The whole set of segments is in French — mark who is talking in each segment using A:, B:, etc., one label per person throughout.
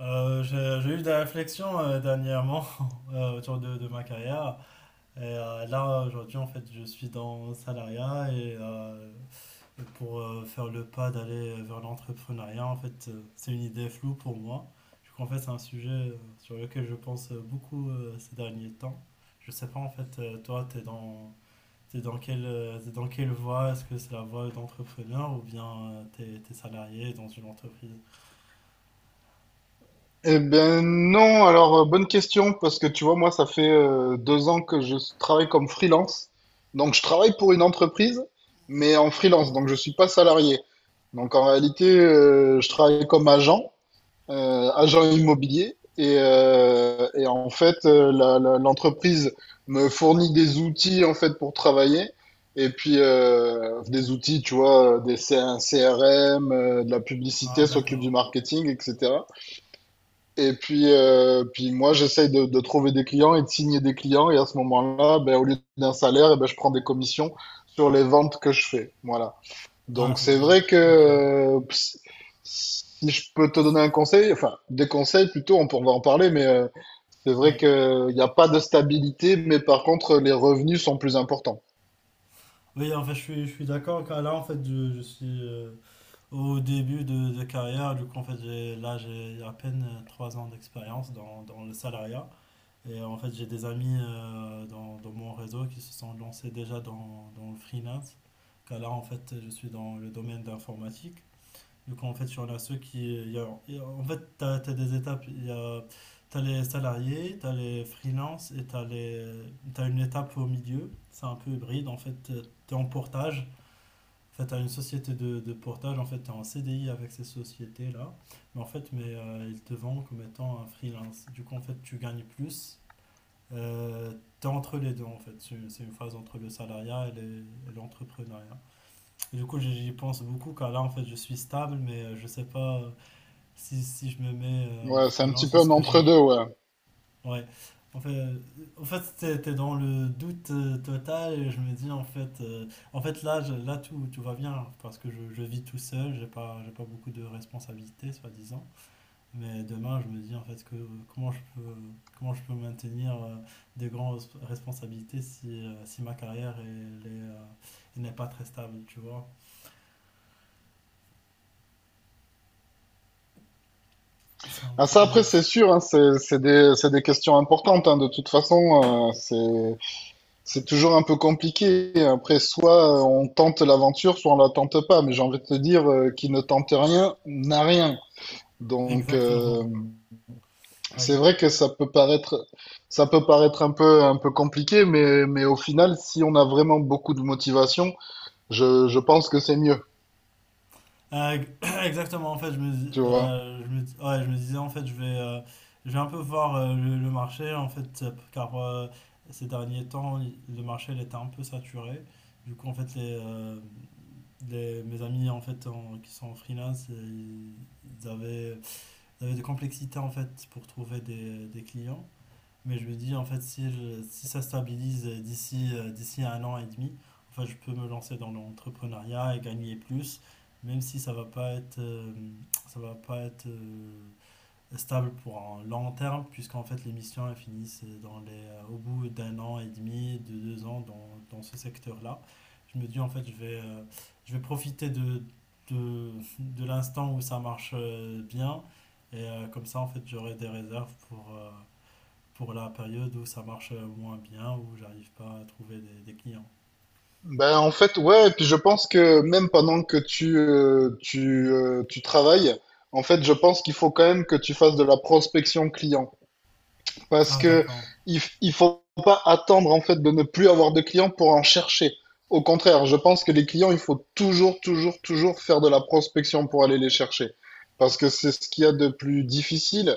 A: J'ai eu des réflexions dernièrement autour de ma carrière. Et là, aujourd'hui, en fait, je suis dans le salariat et pour faire le pas d'aller vers l'entrepreneuriat, en fait, c'est une idée floue pour moi. Du coup, en fait, c'est un sujet sur lequel je pense beaucoup ces derniers temps. Je sais pas, en fait, toi, t'es dans quelle voie? Est-ce que c'est la voie d'entrepreneur ou bien t'es salarié dans une entreprise?
B: Eh ben non, alors bonne question, parce que tu vois, moi, ça fait 2 ans que je travaille comme freelance. Donc, je travaille pour une entreprise, mais en freelance, donc je suis pas salarié. Donc, en réalité, je travaille comme agent, agent immobilier, et en fait, l'entreprise me fournit des outils, en fait, pour travailler. Et puis, des outils, tu vois, un CRM, de la
A: Ah,
B: publicité, s'occupe du
A: d'accord.
B: marketing, etc. Et puis moi, j'essaye de trouver des clients et de signer des clients. Et à ce moment-là, ben, au lieu d'un salaire, eh ben, je prends des commissions sur les ventes que je fais. Voilà.
A: Ah,
B: Donc,
A: c'est
B: c'est
A: bien.
B: vrai que
A: Ok.
B: si je peux te donner un conseil, enfin, des conseils plutôt, on va en parler, mais c'est vrai
A: Ouais.
B: qu'il n'y a pas de stabilité, mais par contre, les revenus sont plus importants.
A: Oui, en fait, je suis d'accord. Car là, en fait, je suis au début de carrière. Du coup, en fait, là, j'ai à peine 3 ans d'expérience dans le salariat. Et en fait, j'ai des amis dans mon réseau qui se sont lancés déjà dans le freelance. Car là, en fait, je suis dans le domaine d'informatique. Du coup en fait, sur y en a ceux qui. En fait, des étapes. T'as les salariés, tu as les freelances et t'as une étape au milieu. C'est un peu hybride. En fait, tu es en portage. En fait, tu as une société de portage. En fait, tu es en CDI avec ces sociétés-là. Mais en fait, ils te vendent comme étant un freelance. Du coup, en fait, tu gagnes plus. Euh, Tu es entre les deux, en fait. C'est une phase entre le salariat et l'entrepreneuriat. Et du coup, j'y pense beaucoup car là, en fait, je suis stable, mais je sais pas. Si je me mets en
B: Ouais, c'est un petit
A: freelance,
B: peu
A: est-ce
B: un
A: que
B: entre-deux,
A: genre...
B: ouais.
A: Ouais. En fait, t'es dans le doute total et je me dis en fait, là, là tout va bien parce que je vis tout seul, j'ai pas beaucoup de responsabilités soi-disant. Mais demain, je me dis en fait que comment je peux, comment je peux maintenir des grandes responsabilités si ma carrière est, euh, elle n'est pas très stable, tu vois. C'est un
B: Ah, ça, après,
A: peu...
B: c'est sûr, hein, c'est des questions importantes, hein, de toute façon. C'est toujours un peu compliqué. Après, soit on tente l'aventure, soit on la tente pas. Mais j'ai envie de te dire, qui ne tente rien n'a rien. Donc,
A: Exactement.
B: c'est
A: Oui.
B: vrai que ça peut paraître un peu compliqué, mais au final, si on a vraiment beaucoup de motivation, je pense que c'est mieux,
A: Euh, exactement, en fait,
B: tu vois.
A: ouais, je me disais, en fait, je vais un peu voir le marché, en fait, car ces derniers temps, le marché, il était un peu saturé. Du coup, en fait, mes amis, en fait, qui sont en freelance, ils avaient, ils avaient des complexités, en fait, pour trouver des clients. Mais je me dis, en fait, si ça stabilise d'ici à 1 an et demi, en fait, je peux me lancer dans l'entrepreneuriat et gagner plus, même si ça va pas être, ça va pas être stable pour un long terme, puisqu'en fait, les missions elles finissent au bout d'1 an et demi, de deux ans dans ce secteur-là. Je me dis, en fait, je vais profiter de, de l'instant où ça marche bien. Et comme ça, en fait, j'aurai des réserves pour la période où ça marche moins bien, où j'arrive pas à trouver des clients.
B: Ben, en fait, ouais, et puis je pense que même pendant que tu travailles, en fait, je pense qu'il faut quand même que tu fasses de la prospection client. Parce
A: Ah,
B: que
A: d'accord.
B: il faut pas attendre en fait de ne plus avoir de clients pour en chercher. Au contraire, je pense que les clients, il faut toujours, toujours, toujours faire de la prospection pour aller les chercher. Parce que c'est ce qu'il y a de plus difficile.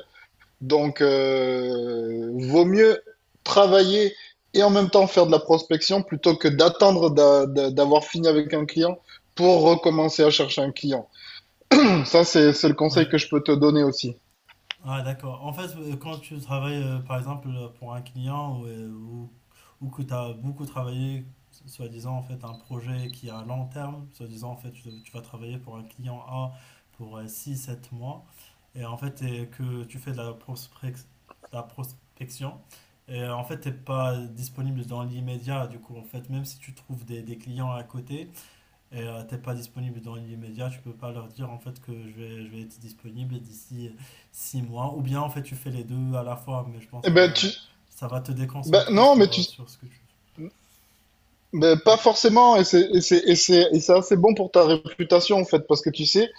B: Donc, vaut mieux travailler et en même temps faire de la prospection plutôt que d'attendre d'avoir fini avec un client pour recommencer à chercher un client. Ça, c'est le
A: Ouais.
B: conseil que je peux te donner aussi.
A: Ah, d'accord. En fait, quand tu travailles, par exemple, pour un client ou que tu as beaucoup travaillé, soi-disant, en fait, un projet qui est à long terme, soi-disant, en fait, tu vas travailler pour un client A pour six sept mois, et en fait, et que tu fais de la prospection, et en fait, tu n'es pas disponible dans l'immédiat, du coup, en fait, même si tu trouves des clients à côté, et t'es pas disponible dans l'immédiat, tu peux pas leur dire en fait que je vais être disponible d'ici 6 mois. Ou bien en fait tu fais les deux à la fois, mais je pense
B: Eh
A: que
B: ben, tu...
A: ça va te
B: ben,
A: déconcentrer
B: non, mais tu,
A: sur ce que tu
B: Mais pas forcément, et c'est assez bon pour ta réputation en fait, parce que tu sais,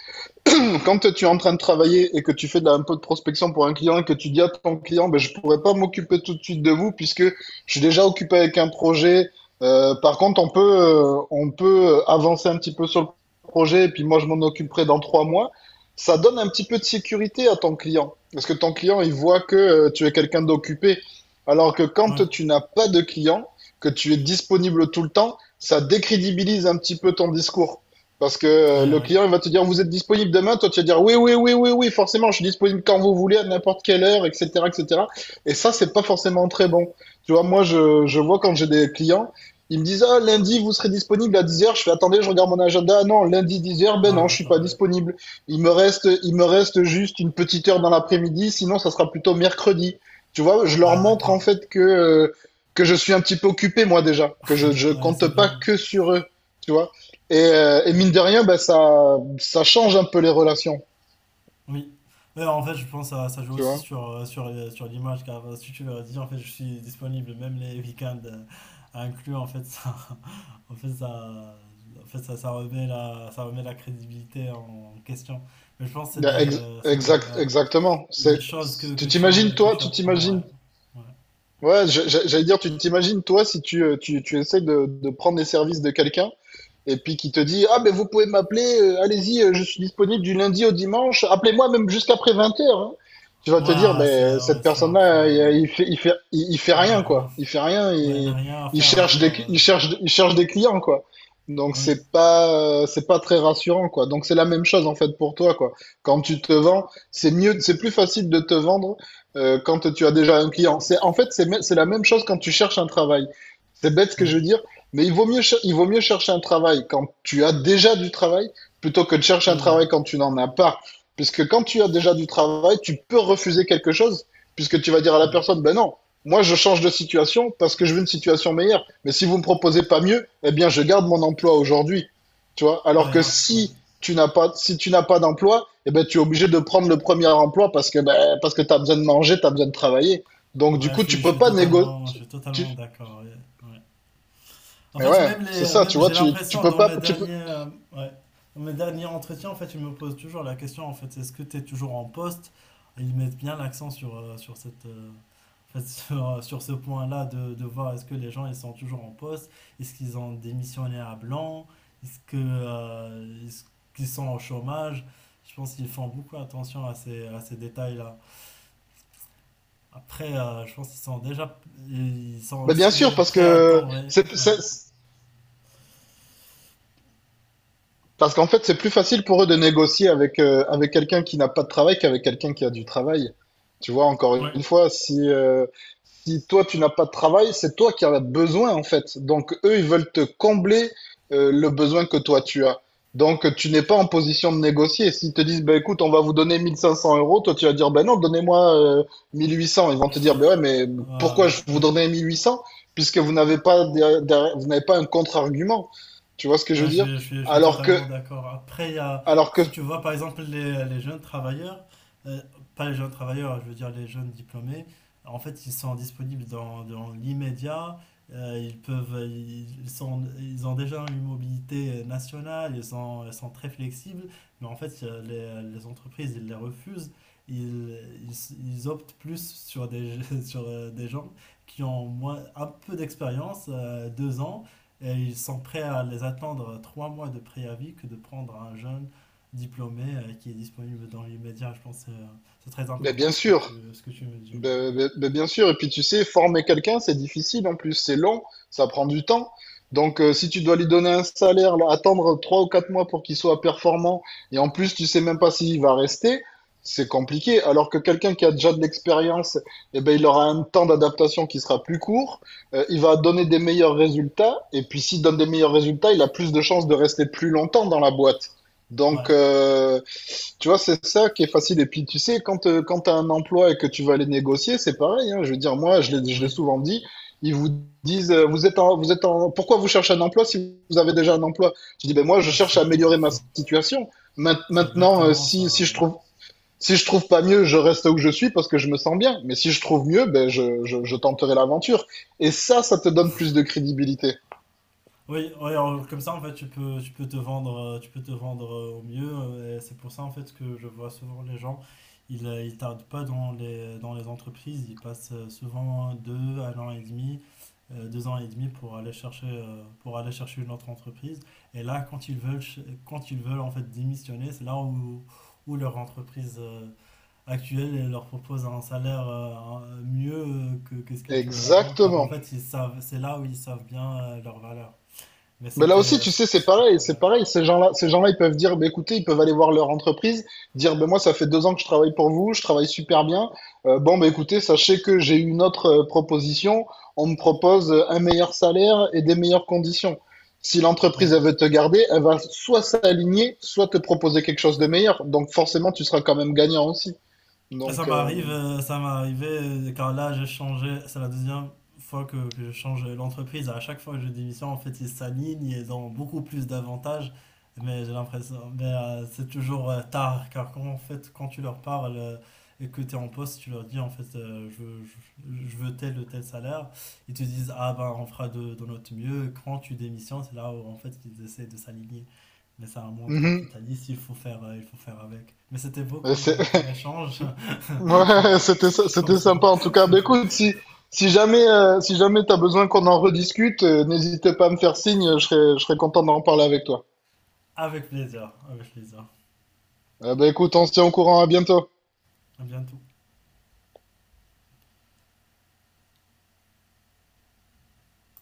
B: quand tu es en train de travailler et que tu fais un peu de prospection pour un client et que tu dis à ton client, ben, je ne pourrais pas m'occuper tout de suite de vous puisque je suis déjà occupé avec un projet. Par contre, on peut avancer un petit peu sur le projet et puis moi, je m'en occuperai dans 3 mois. Ça donne un petit peu de sécurité à ton client parce que ton client, il voit que tu es quelqu'un d'occupé. Alors que
A: fais.
B: quand
A: Ouais,
B: tu n'as pas de client, que tu es disponible tout le temps, ça décrédibilise un petit peu ton discours. Parce que
A: ouais,
B: le
A: ouais.
B: client, il va te dire, vous êtes disponible demain. Toi, tu vas dire, oui, oui, oui, oui, oui, forcément, je suis disponible quand vous voulez, à n'importe quelle heure, etc., etc. Et cetera. Et ça, c'est pas forcément très bon. Tu vois, moi, je vois quand j'ai des clients, ils me disent, ah, lundi, vous serez disponible à 10h. Je fais, attendez, je regarde mon agenda. Ah non, lundi 10h, ben
A: Ah
B: non, je suis pas
A: d'accord, oui.
B: disponible. Il me reste juste une petite heure dans l'après-midi. Sinon, ça sera plutôt mercredi. Tu vois, je leur
A: Ah
B: montre, en
A: d'accord.
B: fait, que je suis un petit peu occupé, moi, déjà. Que je
A: Ouais, c'est
B: compte pas
A: bien.
B: que sur eux. Tu vois. Et
A: Mm.
B: mine de rien, ben, ça change un peu les relations,
A: Oui. Mais en fait, je pense que ça joue
B: tu
A: aussi
B: vois.
A: sur l'image, car si tu leur dis, en fait, je suis disponible même les week-ends à inclure, en fait, ça, ça remet ça remet la crédibilité en question. Mais je pense que
B: Ben,
A: c'est des, ouais,
B: exactement.
A: c'est des choses
B: Tu t'imagines,
A: que
B: toi,
A: tu
B: tu
A: apprends, ouais.
B: t'imagines.
A: Ouais,
B: Ouais, j'allais dire, tu t'imagines, toi, si tu essaies de prendre les services de quelqu'un. Et puis qui te dit ah, mais vous pouvez m'appeler, allez-y, je suis disponible du lundi au dimanche, appelez-moi même jusqu'après 20h. Tu vas
A: ouais,
B: te dire
A: ah,
B: ben, cette
A: c'est un peu...
B: personne-là, il fait
A: Elle n'a
B: rien,
A: rien,
B: quoi. Il fait rien,
A: ouais, elle n'a
B: il,
A: rien à
B: il
A: faire à
B: cherche, des,
A: part...
B: il, cherche, il cherche des clients, quoi. Donc,
A: oui,
B: c'est pas très rassurant, quoi. Donc, c'est la même chose, en fait, pour toi, quoi. Quand tu te vends, c'est mieux, c'est plus facile de te vendre quand tu as déjà un client. C'est, en fait, c'est, me- c'est la même chose quand tu cherches un travail. C'est bête ce que
A: oui,
B: je veux dire, mais il vaut mieux chercher un travail quand tu as déjà du travail plutôt que de chercher un
A: que...
B: travail quand tu n'en as pas. Puisque quand tu as déjà du travail, tu peux refuser quelque chose, puisque tu vas dire à la
A: Ouais,
B: personne, ben non, moi je change de situation parce que je veux une situation meilleure. Mais si vous me proposez pas mieux, eh bien je garde mon emploi aujourd'hui. Tu vois? Alors
A: ouais,
B: que
A: ah, ouais.
B: si tu n'as pas d'emploi, eh ben tu es obligé de prendre le premier emploi parce que tu as besoin de manger, tu as besoin de travailler. Donc du
A: Ouais,
B: coup, tu peux pas négo-
A: je suis
B: tu,
A: totalement d'accord. Ouais, ouais. En
B: mais
A: fait,
B: ouais, c'est ça, tu
A: même
B: vois,
A: j'ai
B: tu
A: l'impression
B: peux pas, tu peux,
A: ouais, dans mes derniers entretiens, en fait, ils me posent toujours la question, en fait, est-ce que tu es toujours en poste? Et ils mettent bien l'accent en fait, sur ce point-là de voir est-ce que les gens ils sont toujours en poste, est-ce qu'ils ont démissionné à blanc, est-ce qu'ils sont au chômage? Je pense qu'ils font beaucoup attention à ces détails-là. Après, je pense ils sont
B: bah bien
A: aussi
B: sûr.
A: déjà
B: parce
A: prêts à
B: que
A: attendre. Ouais,
B: c'est,
A: ouais,
B: c'est- Parce qu'en fait, c'est plus facile pour eux de négocier avec, avec quelqu'un qui n'a pas de travail qu'avec quelqu'un qui a du travail. Tu vois, encore
A: ouais.
B: une fois, si toi, tu n'as pas de travail, c'est toi qui en as besoin, en fait. Donc, eux, ils veulent te combler le besoin que toi, tu as. Donc, tu n'es pas en position de négocier. S'ils te disent, ben écoute, on va vous donner 1 500 euros, toi, tu vas dire, ben non, donnez-moi 1 800. Ils vont te dire, ben ouais, mais
A: Ah,
B: pourquoi
A: oui,
B: je vous
A: oui.
B: donner 1 800. Puisque vous n'avez pas, vous n'avez pas un contre-argument. Tu vois ce que je
A: Ouais,
B: veux dire?
A: je suis
B: Alors que
A: totalement d'accord. Après,
B: alors que,
A: si tu vois par exemple les jeunes travailleurs, euh, pas les jeunes travailleurs, je veux dire les jeunes diplômés, en fait, ils sont disponibles dans l'immédiat. Ils peuvent, ils sont, ils ont déjà une mobilité nationale, ils sont très flexibles, mais en fait, les entreprises, ils les refusent. Ils, Ils optent plus sur des gens qui ont un peu d'expérience, 2 ans et ils sont prêts à les attendre 3 mois de préavis que de prendre un jeune diplômé qui est disponible dans l'immédiat. Je pense c'est très
B: ben
A: important
B: bien sûr,
A: ce que tu me dis. Ouais.
B: ben bien sûr. Et puis tu sais, former quelqu'un, c'est difficile en plus, c'est long, ça prend du temps. Donc si tu dois lui donner un salaire, là, attendre 3 ou 4 mois pour qu'il soit performant, et en plus tu sais même pas s'il va rester, c'est compliqué. Alors que quelqu'un qui a déjà de l'expérience, eh ben, il aura un temps d'adaptation qui sera plus court, il va donner des meilleurs résultats, et puis s'il donne des meilleurs résultats, il a plus de chances de rester plus longtemps dans la boîte. Donc,
A: Ouais,
B: euh, Tu vois, c'est ça qui est facile. Et puis, tu sais, quand tu as un emploi et que tu vas aller négocier, c'est pareil, hein. Je veux dire, moi, je l'ai
A: oui,
B: souvent dit, ils vous disent, pourquoi vous cherchez un emploi si vous avez déjà un emploi? Je dis, ben moi, je cherche
A: c'est
B: à
A: bon.
B: améliorer ma situation. Main-
A: C'est
B: Maintenant, euh,
A: exactement
B: si,
A: ça.
B: si
A: Ouais.
B: je trouve, si je trouve pas mieux, je reste où je suis parce que je me sens bien. Mais si je trouve mieux, ben je tenterai l'aventure. Et ça te donne plus de crédibilité.
A: Oui, ouais, alors, comme ça en fait tu peux te vendre au mieux, et c'est pour ça en fait que je vois souvent les gens, ils tardent pas dans les entreprises, ils passent souvent deux 1 an et demi, 2 ans et demi pour aller chercher une autre entreprise, et là quand ils veulent en fait démissionner, c'est là où leur entreprise actuelle elle leur propose un salaire, mieux que ce qu'ils touchaient avant, car en
B: Exactement.
A: fait ils savent c'est là où ils savent bien leur valeur, mais
B: Mais là
A: c'était.
B: aussi, tu sais, c'est pareil, c'est
A: Ouais,
B: pareil. Ces
A: ouais,
B: gens-là, ils peuvent dire, bah, écoutez, ils peuvent aller voir leur entreprise, dire, ben moi, ça fait 2 ans que je travaille pour vous, je travaille super bien. Bon, bah, écoutez, sachez que j'ai une autre proposition. On me propose un meilleur salaire et des meilleures conditions. Si l'entreprise,
A: ouais.
B: elle veut te garder, elle va soit s'aligner, soit te proposer quelque chose de meilleur. Donc, forcément, tu seras quand même gagnant aussi.
A: Et
B: Donc, euh,
A: ça m'est arrivé quand là j'ai changé. C'est la deuxième fois que je change l'entreprise. À chaque fois que je démissionne, en fait, ils s'alignent et ils ont beaucoup plus d'avantages. Mais j'ai l'impression. Mais c'est toujours tard. Car quand tu leur parles et que tu es en poste, tu leur dis en fait, je veux tel ou tel salaire. Ils te disent, ah ben, on fera de notre mieux. Quand tu démissionnes, c'est là où en fait ils essaient de s'aligner. Mais c'est un monde
B: mhm.
A: capitaliste, il faut faire avec. Mais c'était beau
B: Euh, C'est-
A: comme échange.
B: Ouais, c'était sy-
A: Je
B: c'était
A: pense.
B: sympa en tout cas. Bah, écoute, si jamais t'as besoin qu'on en rediscute, n'hésite pas à me faire signe, je serais content d'en parler avec toi.
A: Avec plaisir, avec plaisir.
B: Bah écoute, on se tient au courant, à bientôt.
A: À bientôt.